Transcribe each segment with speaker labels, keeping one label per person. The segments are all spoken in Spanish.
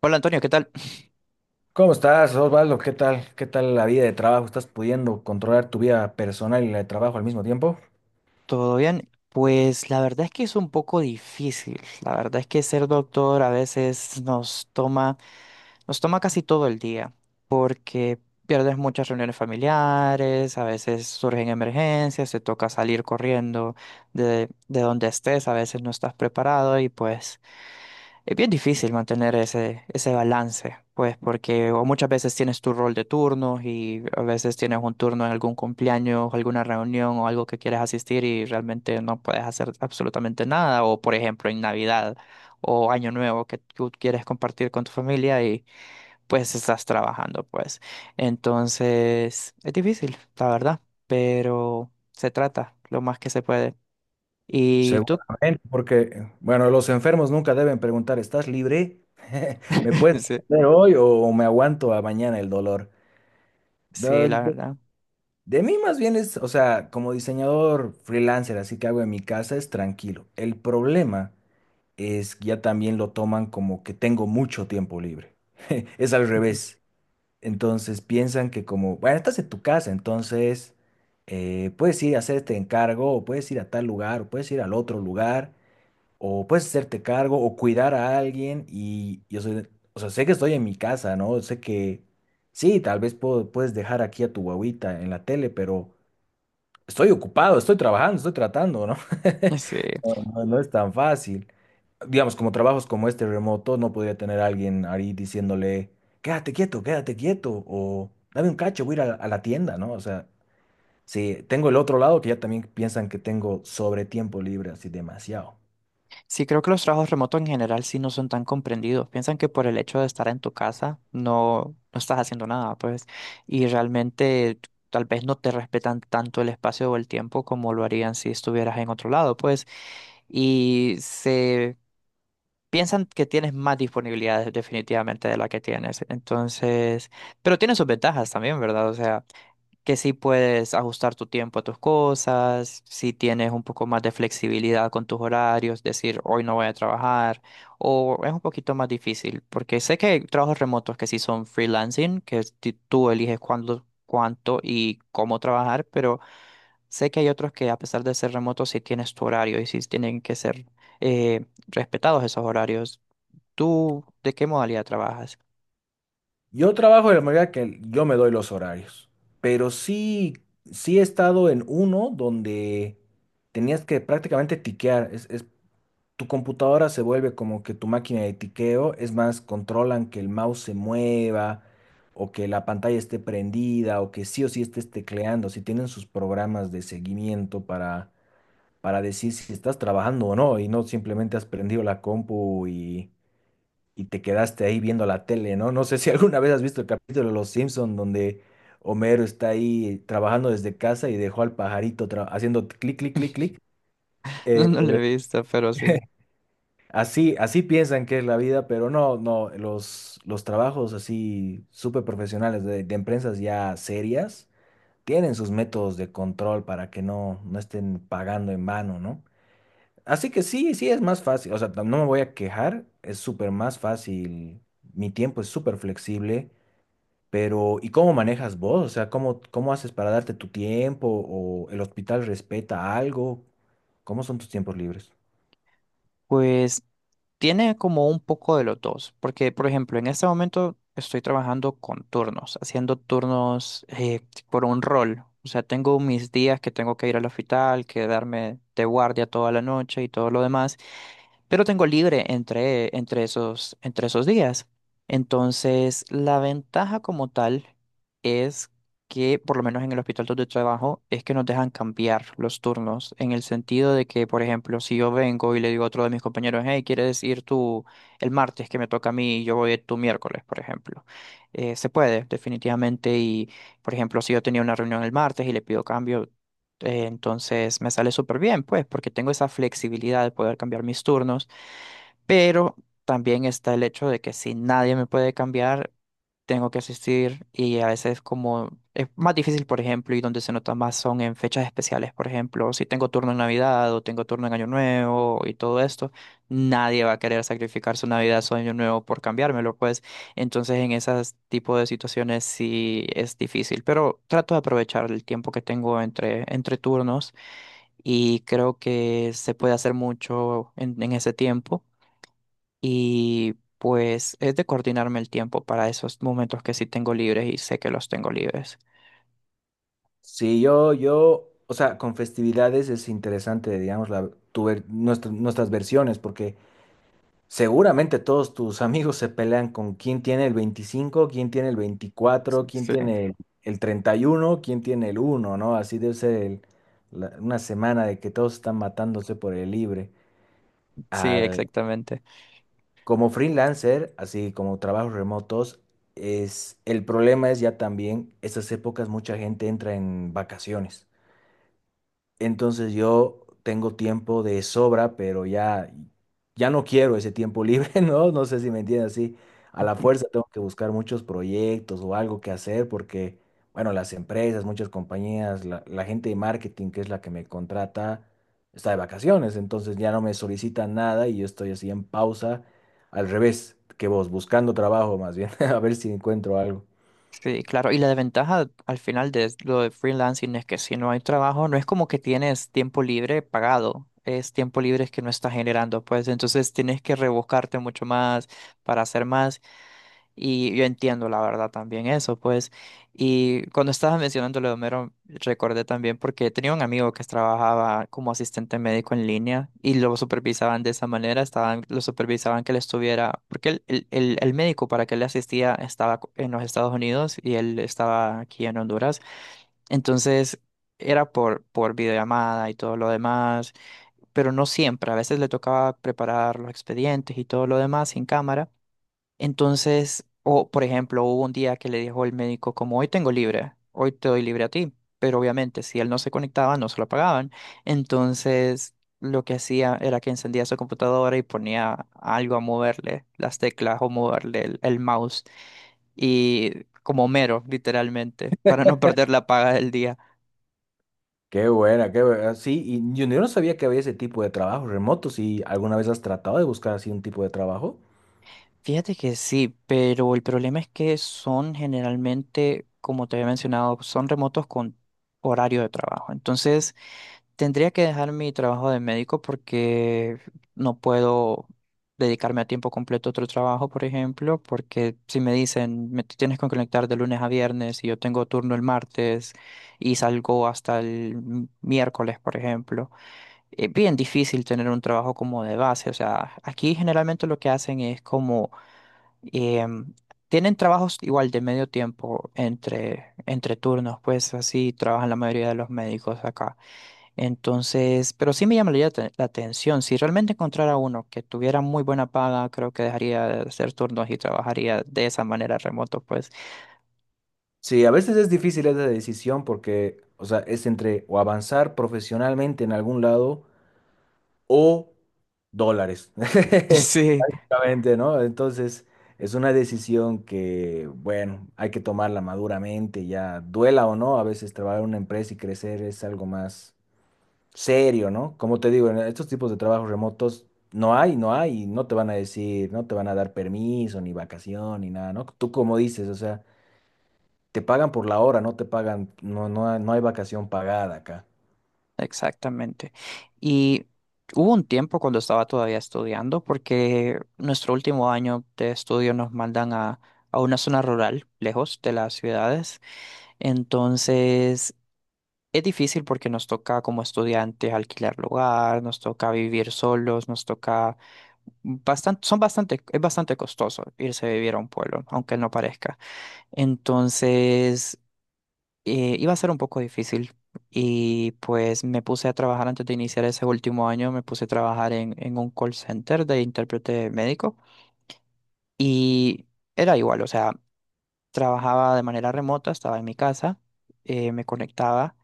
Speaker 1: Hola Antonio, ¿qué tal?
Speaker 2: ¿Cómo estás, Osvaldo? ¿Qué tal? ¿Qué tal la vida de trabajo? ¿Estás pudiendo controlar tu vida personal y la de trabajo al mismo tiempo?
Speaker 1: ¿Todo bien? Pues la verdad es que es un poco difícil. La verdad es que ser doctor a veces nos toma casi todo el día, porque pierdes muchas reuniones familiares, a veces surgen emergencias, te toca salir corriendo de donde estés, a veces no estás preparado y pues es bien difícil mantener ese balance, pues porque o muchas veces tienes tu rol de turnos y a veces tienes un turno en algún cumpleaños, alguna reunión o algo que quieres asistir y realmente no puedes hacer absolutamente nada. O por ejemplo en Navidad o Año Nuevo que tú quieres compartir con tu familia y pues estás trabajando, pues. Entonces es difícil, la verdad, pero se trata lo más que se puede. ¿Y tú?
Speaker 2: Seguramente, porque, bueno, los enfermos nunca deben preguntar, ¿estás libre? ¿Me puedes
Speaker 1: Sí,
Speaker 2: atender hoy o me aguanto a mañana el dolor?
Speaker 1: sí,
Speaker 2: De,
Speaker 1: la
Speaker 2: de-
Speaker 1: verdad.
Speaker 2: de mí más bien es, o sea, como diseñador freelancer, así que hago en mi casa, es tranquilo. El problema es que ya también lo toman como que tengo mucho tiempo libre. Es al revés. Entonces piensan que como, bueno, estás en tu casa, entonces puedes ir a hacer este encargo, o puedes ir a tal lugar, o puedes ir al otro lugar, o puedes hacerte cargo, o cuidar a alguien. Y yo soy, o sea, sé que estoy en mi casa, ¿no? Sé que sí, tal vez puedes dejar aquí a tu guagüita en la tele, pero estoy ocupado, estoy trabajando, estoy tratando, ¿no?
Speaker 1: Ujú. Sí.
Speaker 2: No, no es tan fácil digamos, como trabajos como este remoto, no podría tener a alguien ahí diciéndole, quédate quieto, o dame un cacho, voy a ir a la tienda, ¿no? O sea, sí, tengo el otro lado que ya también piensan que tengo sobre tiempo libre, así demasiado.
Speaker 1: Sí, creo que los trabajos remotos en general sí no son tan comprendidos. Piensan que por el hecho de estar en tu casa no estás haciendo nada, pues, y realmente tal vez no te respetan tanto el espacio o el tiempo como lo harían si estuvieras en otro lado, pues, y se piensan que tienes más disponibilidades definitivamente de la que tienes. Entonces, pero tiene sus ventajas también, ¿verdad? O sea, que sí puedes ajustar tu tiempo a tus cosas, si tienes un poco más de flexibilidad con tus horarios, decir hoy no voy a trabajar, o es un poquito más difícil, porque sé que hay trabajos remotos que sí son freelancing, que es tú eliges cuándo, cuánto y cómo trabajar, pero sé que hay otros que a pesar de ser remotos sí tienes tu horario y sí tienen que ser respetados esos horarios. ¿Tú de qué modalidad trabajas?
Speaker 2: Yo trabajo de la manera que yo me doy los horarios, pero sí, sí he estado en uno donde tenías que prácticamente tiquear. Es tu computadora, se vuelve como que tu máquina de tiqueo, es más, controlan que el mouse se mueva o que la pantalla esté prendida o que sí o sí estés tecleando, si tienen sus programas de seguimiento para decir si estás trabajando o no y no simplemente has prendido la compu y te quedaste ahí viendo la tele, ¿no? No sé si alguna vez has visto el capítulo de Los Simpson donde... Homero está ahí trabajando desde casa y dejó al pajarito haciendo clic, clic, clic, clic.
Speaker 1: No, no lo he visto, pero sí.
Speaker 2: Así, así piensan que es la vida, pero no, no, los trabajos así súper profesionales de, empresas ya serias tienen sus métodos de control para que no, no estén pagando en vano, ¿no? Así que sí, sí es más fácil, o sea, no me voy a quejar, es súper más fácil, mi tiempo es súper flexible, pero ¿y cómo manejas vos? O sea, ¿cómo, cómo haces para darte tu tiempo o el hospital respeta algo? ¿Cómo son tus tiempos libres?
Speaker 1: Pues tiene como un poco de los dos, porque por ejemplo, en este momento estoy trabajando con turnos, haciendo turnos por un rol. O sea, tengo mis días que tengo que ir al hospital, quedarme de guardia toda la noche y todo lo demás, pero tengo libre entre esos días. Entonces, la ventaja como tal es que, por lo menos en el hospital donde trabajo, es que nos dejan cambiar los turnos, en el sentido de que, por ejemplo, si yo vengo y le digo a otro de mis compañeros, hey, ¿quieres ir tú el martes que me toca a mí y yo voy tú miércoles, por ejemplo? Se puede, definitivamente, y, por ejemplo, si yo tenía una reunión el martes y le pido cambio, entonces me sale súper bien, pues, porque tengo esa flexibilidad de poder cambiar mis turnos, pero también está el hecho de que si nadie me puede cambiar, tengo que asistir y a veces como es más difícil, por ejemplo, y donde se nota más son en fechas especiales, por ejemplo, si tengo turno en Navidad o tengo turno en Año Nuevo y todo esto, nadie va a querer sacrificar su Navidad, su Año Nuevo por cambiármelo, pues entonces en esas tipo de situaciones sí es difícil, pero trato de aprovechar el tiempo que tengo entre turnos y creo que se puede hacer mucho en ese tiempo. Y pues es de coordinarme el tiempo para esos momentos que sí tengo libres y sé que los tengo libres.
Speaker 2: Sí, yo, o sea, con festividades es interesante, digamos, la, tu ver- nuestra- nuestras versiones, porque seguramente todos tus amigos se pelean con quién tiene el 25, quién tiene el 24, quién
Speaker 1: Sí,
Speaker 2: tiene el 31, quién tiene el 1, ¿no? Así debe ser una semana de que todos están matándose por el libre.
Speaker 1: sí,
Speaker 2: Al,
Speaker 1: exactamente.
Speaker 2: como freelancer, así como trabajos remotos, el problema es ya también, esas épocas mucha gente entra en vacaciones. Entonces yo tengo tiempo de sobra, pero ya, ya no quiero ese tiempo libre, ¿no? No sé si me entiendes así. A la
Speaker 1: Ujú.
Speaker 2: fuerza tengo que buscar muchos proyectos o algo que hacer porque, bueno, las empresas, muchas compañías, la gente de marketing, que es la que me contrata, está de vacaciones, entonces ya no me solicitan nada y yo estoy así en pausa, al revés que vos, buscando trabajo más bien, a ver si encuentro algo.
Speaker 1: Sí, claro. Y la desventaja al final de lo de freelancing es que si no hay trabajo, no es como que tienes tiempo libre pagado. Es tiempo libre que no estás generando, pues entonces tienes que rebuscarte mucho más para hacer más. Y yo entiendo la verdad también eso, pues. Y cuando estabas mencionando lo de Homero, recordé también porque tenía un amigo que trabajaba como asistente médico en línea y lo supervisaban de esa manera, estaban, lo supervisaban que él estuviera, porque el médico para que le asistía estaba en los Estados Unidos y él estaba aquí en Honduras. Entonces era por videollamada y todo lo demás, pero no siempre, a veces le tocaba preparar los expedientes y todo lo demás sin cámara. Entonces, o por ejemplo, hubo un día que le dijo el médico como hoy tengo libre, hoy te doy libre a ti, pero obviamente si él no se conectaba no se lo pagaban. Entonces, lo que hacía era que encendía su computadora y ponía algo a moverle, las teclas o moverle el mouse y como mero, literalmente, para no perder la paga del día.
Speaker 2: Qué buena, qué buena. Sí, y yo no sabía que había ese tipo de trabajo remoto. Si alguna vez has tratado de buscar así un tipo de trabajo.
Speaker 1: Fíjate que sí, pero el problema es que son generalmente, como te había mencionado, son remotos con horario de trabajo. Entonces, tendría que dejar mi trabajo de médico porque no puedo dedicarme a tiempo completo a otro trabajo, por ejemplo, porque si me dicen, me te tienes que conectar de lunes a viernes y yo tengo turno el martes y salgo hasta el miércoles, por ejemplo, es bien difícil tener un trabajo como de base. O sea, aquí generalmente lo que hacen es como em, tienen trabajos igual de medio tiempo entre turnos, pues así trabajan la mayoría de los médicos acá. Entonces, pero sí me llamaría la atención. Si realmente encontrara uno que tuviera muy buena paga, creo que dejaría de hacer turnos y trabajaría de esa manera remoto, pues.
Speaker 2: Sí, a veces es difícil esa decisión porque, o sea, es entre o avanzar profesionalmente en algún lado o dólares.
Speaker 1: Sí,
Speaker 2: Justamente, ¿no? Entonces, es una decisión que, bueno, hay que tomarla maduramente, ya duela o no. A veces trabajar en una empresa y crecer es algo más serio, ¿no? Como te digo, en estos tipos de trabajos remotos no hay, no te van a decir, no te van a dar permiso, ni vacación, ni nada, ¿no? Tú como dices, o sea, te pagan por la hora, no te pagan, no, no, hay- no hay vacación pagada acá.
Speaker 1: exactamente. Y hubo un tiempo cuando estaba todavía estudiando, porque nuestro último año de estudio nos mandan a una zona rural, lejos de las ciudades. Entonces, es difícil porque nos toca como estudiantes alquilar lugar, nos toca vivir solos, nos toca bastante, es bastante costoso irse a vivir a un pueblo, aunque no parezca. Entonces, iba a ser un poco difícil y pues me puse a trabajar antes de iniciar ese último año, me puse a trabajar en un call center de intérprete médico y era igual, o sea, trabajaba de manera remota, estaba en mi casa, me conectaba.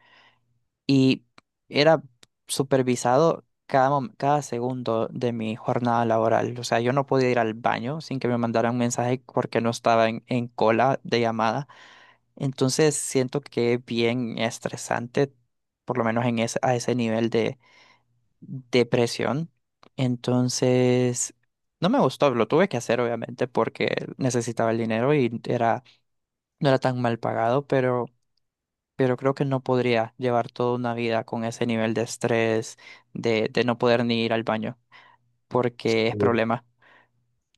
Speaker 1: Y era supervisado cada segundo de mi jornada laboral. O sea, yo no podía ir al baño sin que me mandaran un mensaje porque no estaba en cola de llamada. Entonces siento que es bien estresante, por lo menos en a ese nivel de depresión. Entonces, no me gustó, lo tuve que hacer obviamente porque necesitaba el dinero y era, no era tan mal pagado, pero creo que no podría llevar toda una vida con ese nivel de estrés, de no poder ni ir al baño, porque es
Speaker 2: Sí.
Speaker 1: problema.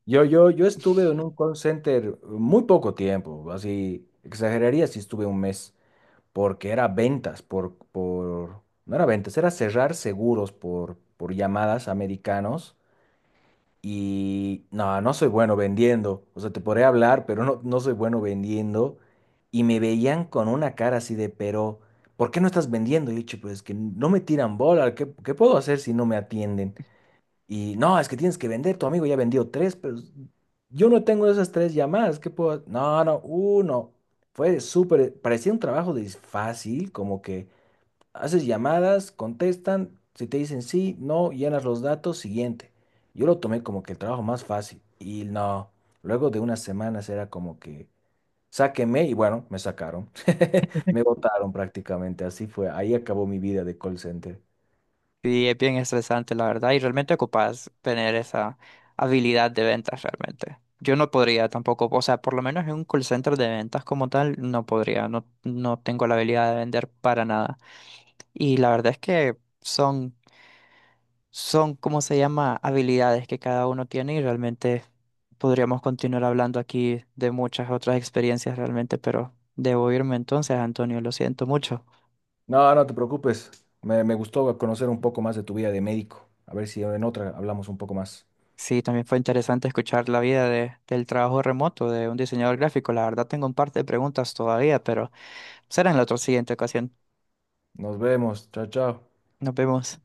Speaker 2: Yo estuve en un call center muy poco tiempo, así, exageraría si estuve un mes, porque era ventas por, no era ventas, era cerrar seguros por llamadas americanos. Y no, no soy bueno vendiendo. O sea, te podría hablar, pero no, no soy bueno vendiendo. Y me veían con una cara así de, pero, ¿por qué no estás vendiendo? Y yo, "Che, pues es que no me tiran bola. ¿Qué puedo hacer si no me atienden? Y no, es que tienes que vender. Tu amigo ya vendió tres, pero yo no tengo esas tres llamadas. ¿Qué puedo? No, no, uno. Fue súper, parecía un trabajo de fácil, como que haces llamadas, contestan, si te dicen sí, no, llenas los datos, siguiente. Yo lo tomé como que el trabajo más fácil y no, luego de unas semanas era como que sáquenme y bueno, me sacaron. Me botaron prácticamente, así fue. Ahí acabó mi vida de call center.
Speaker 1: Y es bien estresante, la verdad, y realmente ocupas tener esa habilidad de ventas realmente. Yo no podría tampoco, o sea, por lo menos en un call center de ventas como tal, no podría, no, no tengo la habilidad de vender para nada. Y la verdad es que son son, ¿cómo se llama?, habilidades que cada uno tiene y realmente podríamos continuar hablando aquí de muchas otras experiencias realmente, pero debo irme entonces, Antonio, lo siento mucho.
Speaker 2: No, no te preocupes, me gustó conocer un poco más de tu vida de médico. A ver si en otra hablamos un poco más.
Speaker 1: Sí, también fue interesante escuchar la vida de, del trabajo remoto de un diseñador gráfico. La verdad tengo un par de preguntas todavía, pero será en la otra siguiente ocasión.
Speaker 2: Nos vemos, chao, chao.
Speaker 1: Nos vemos.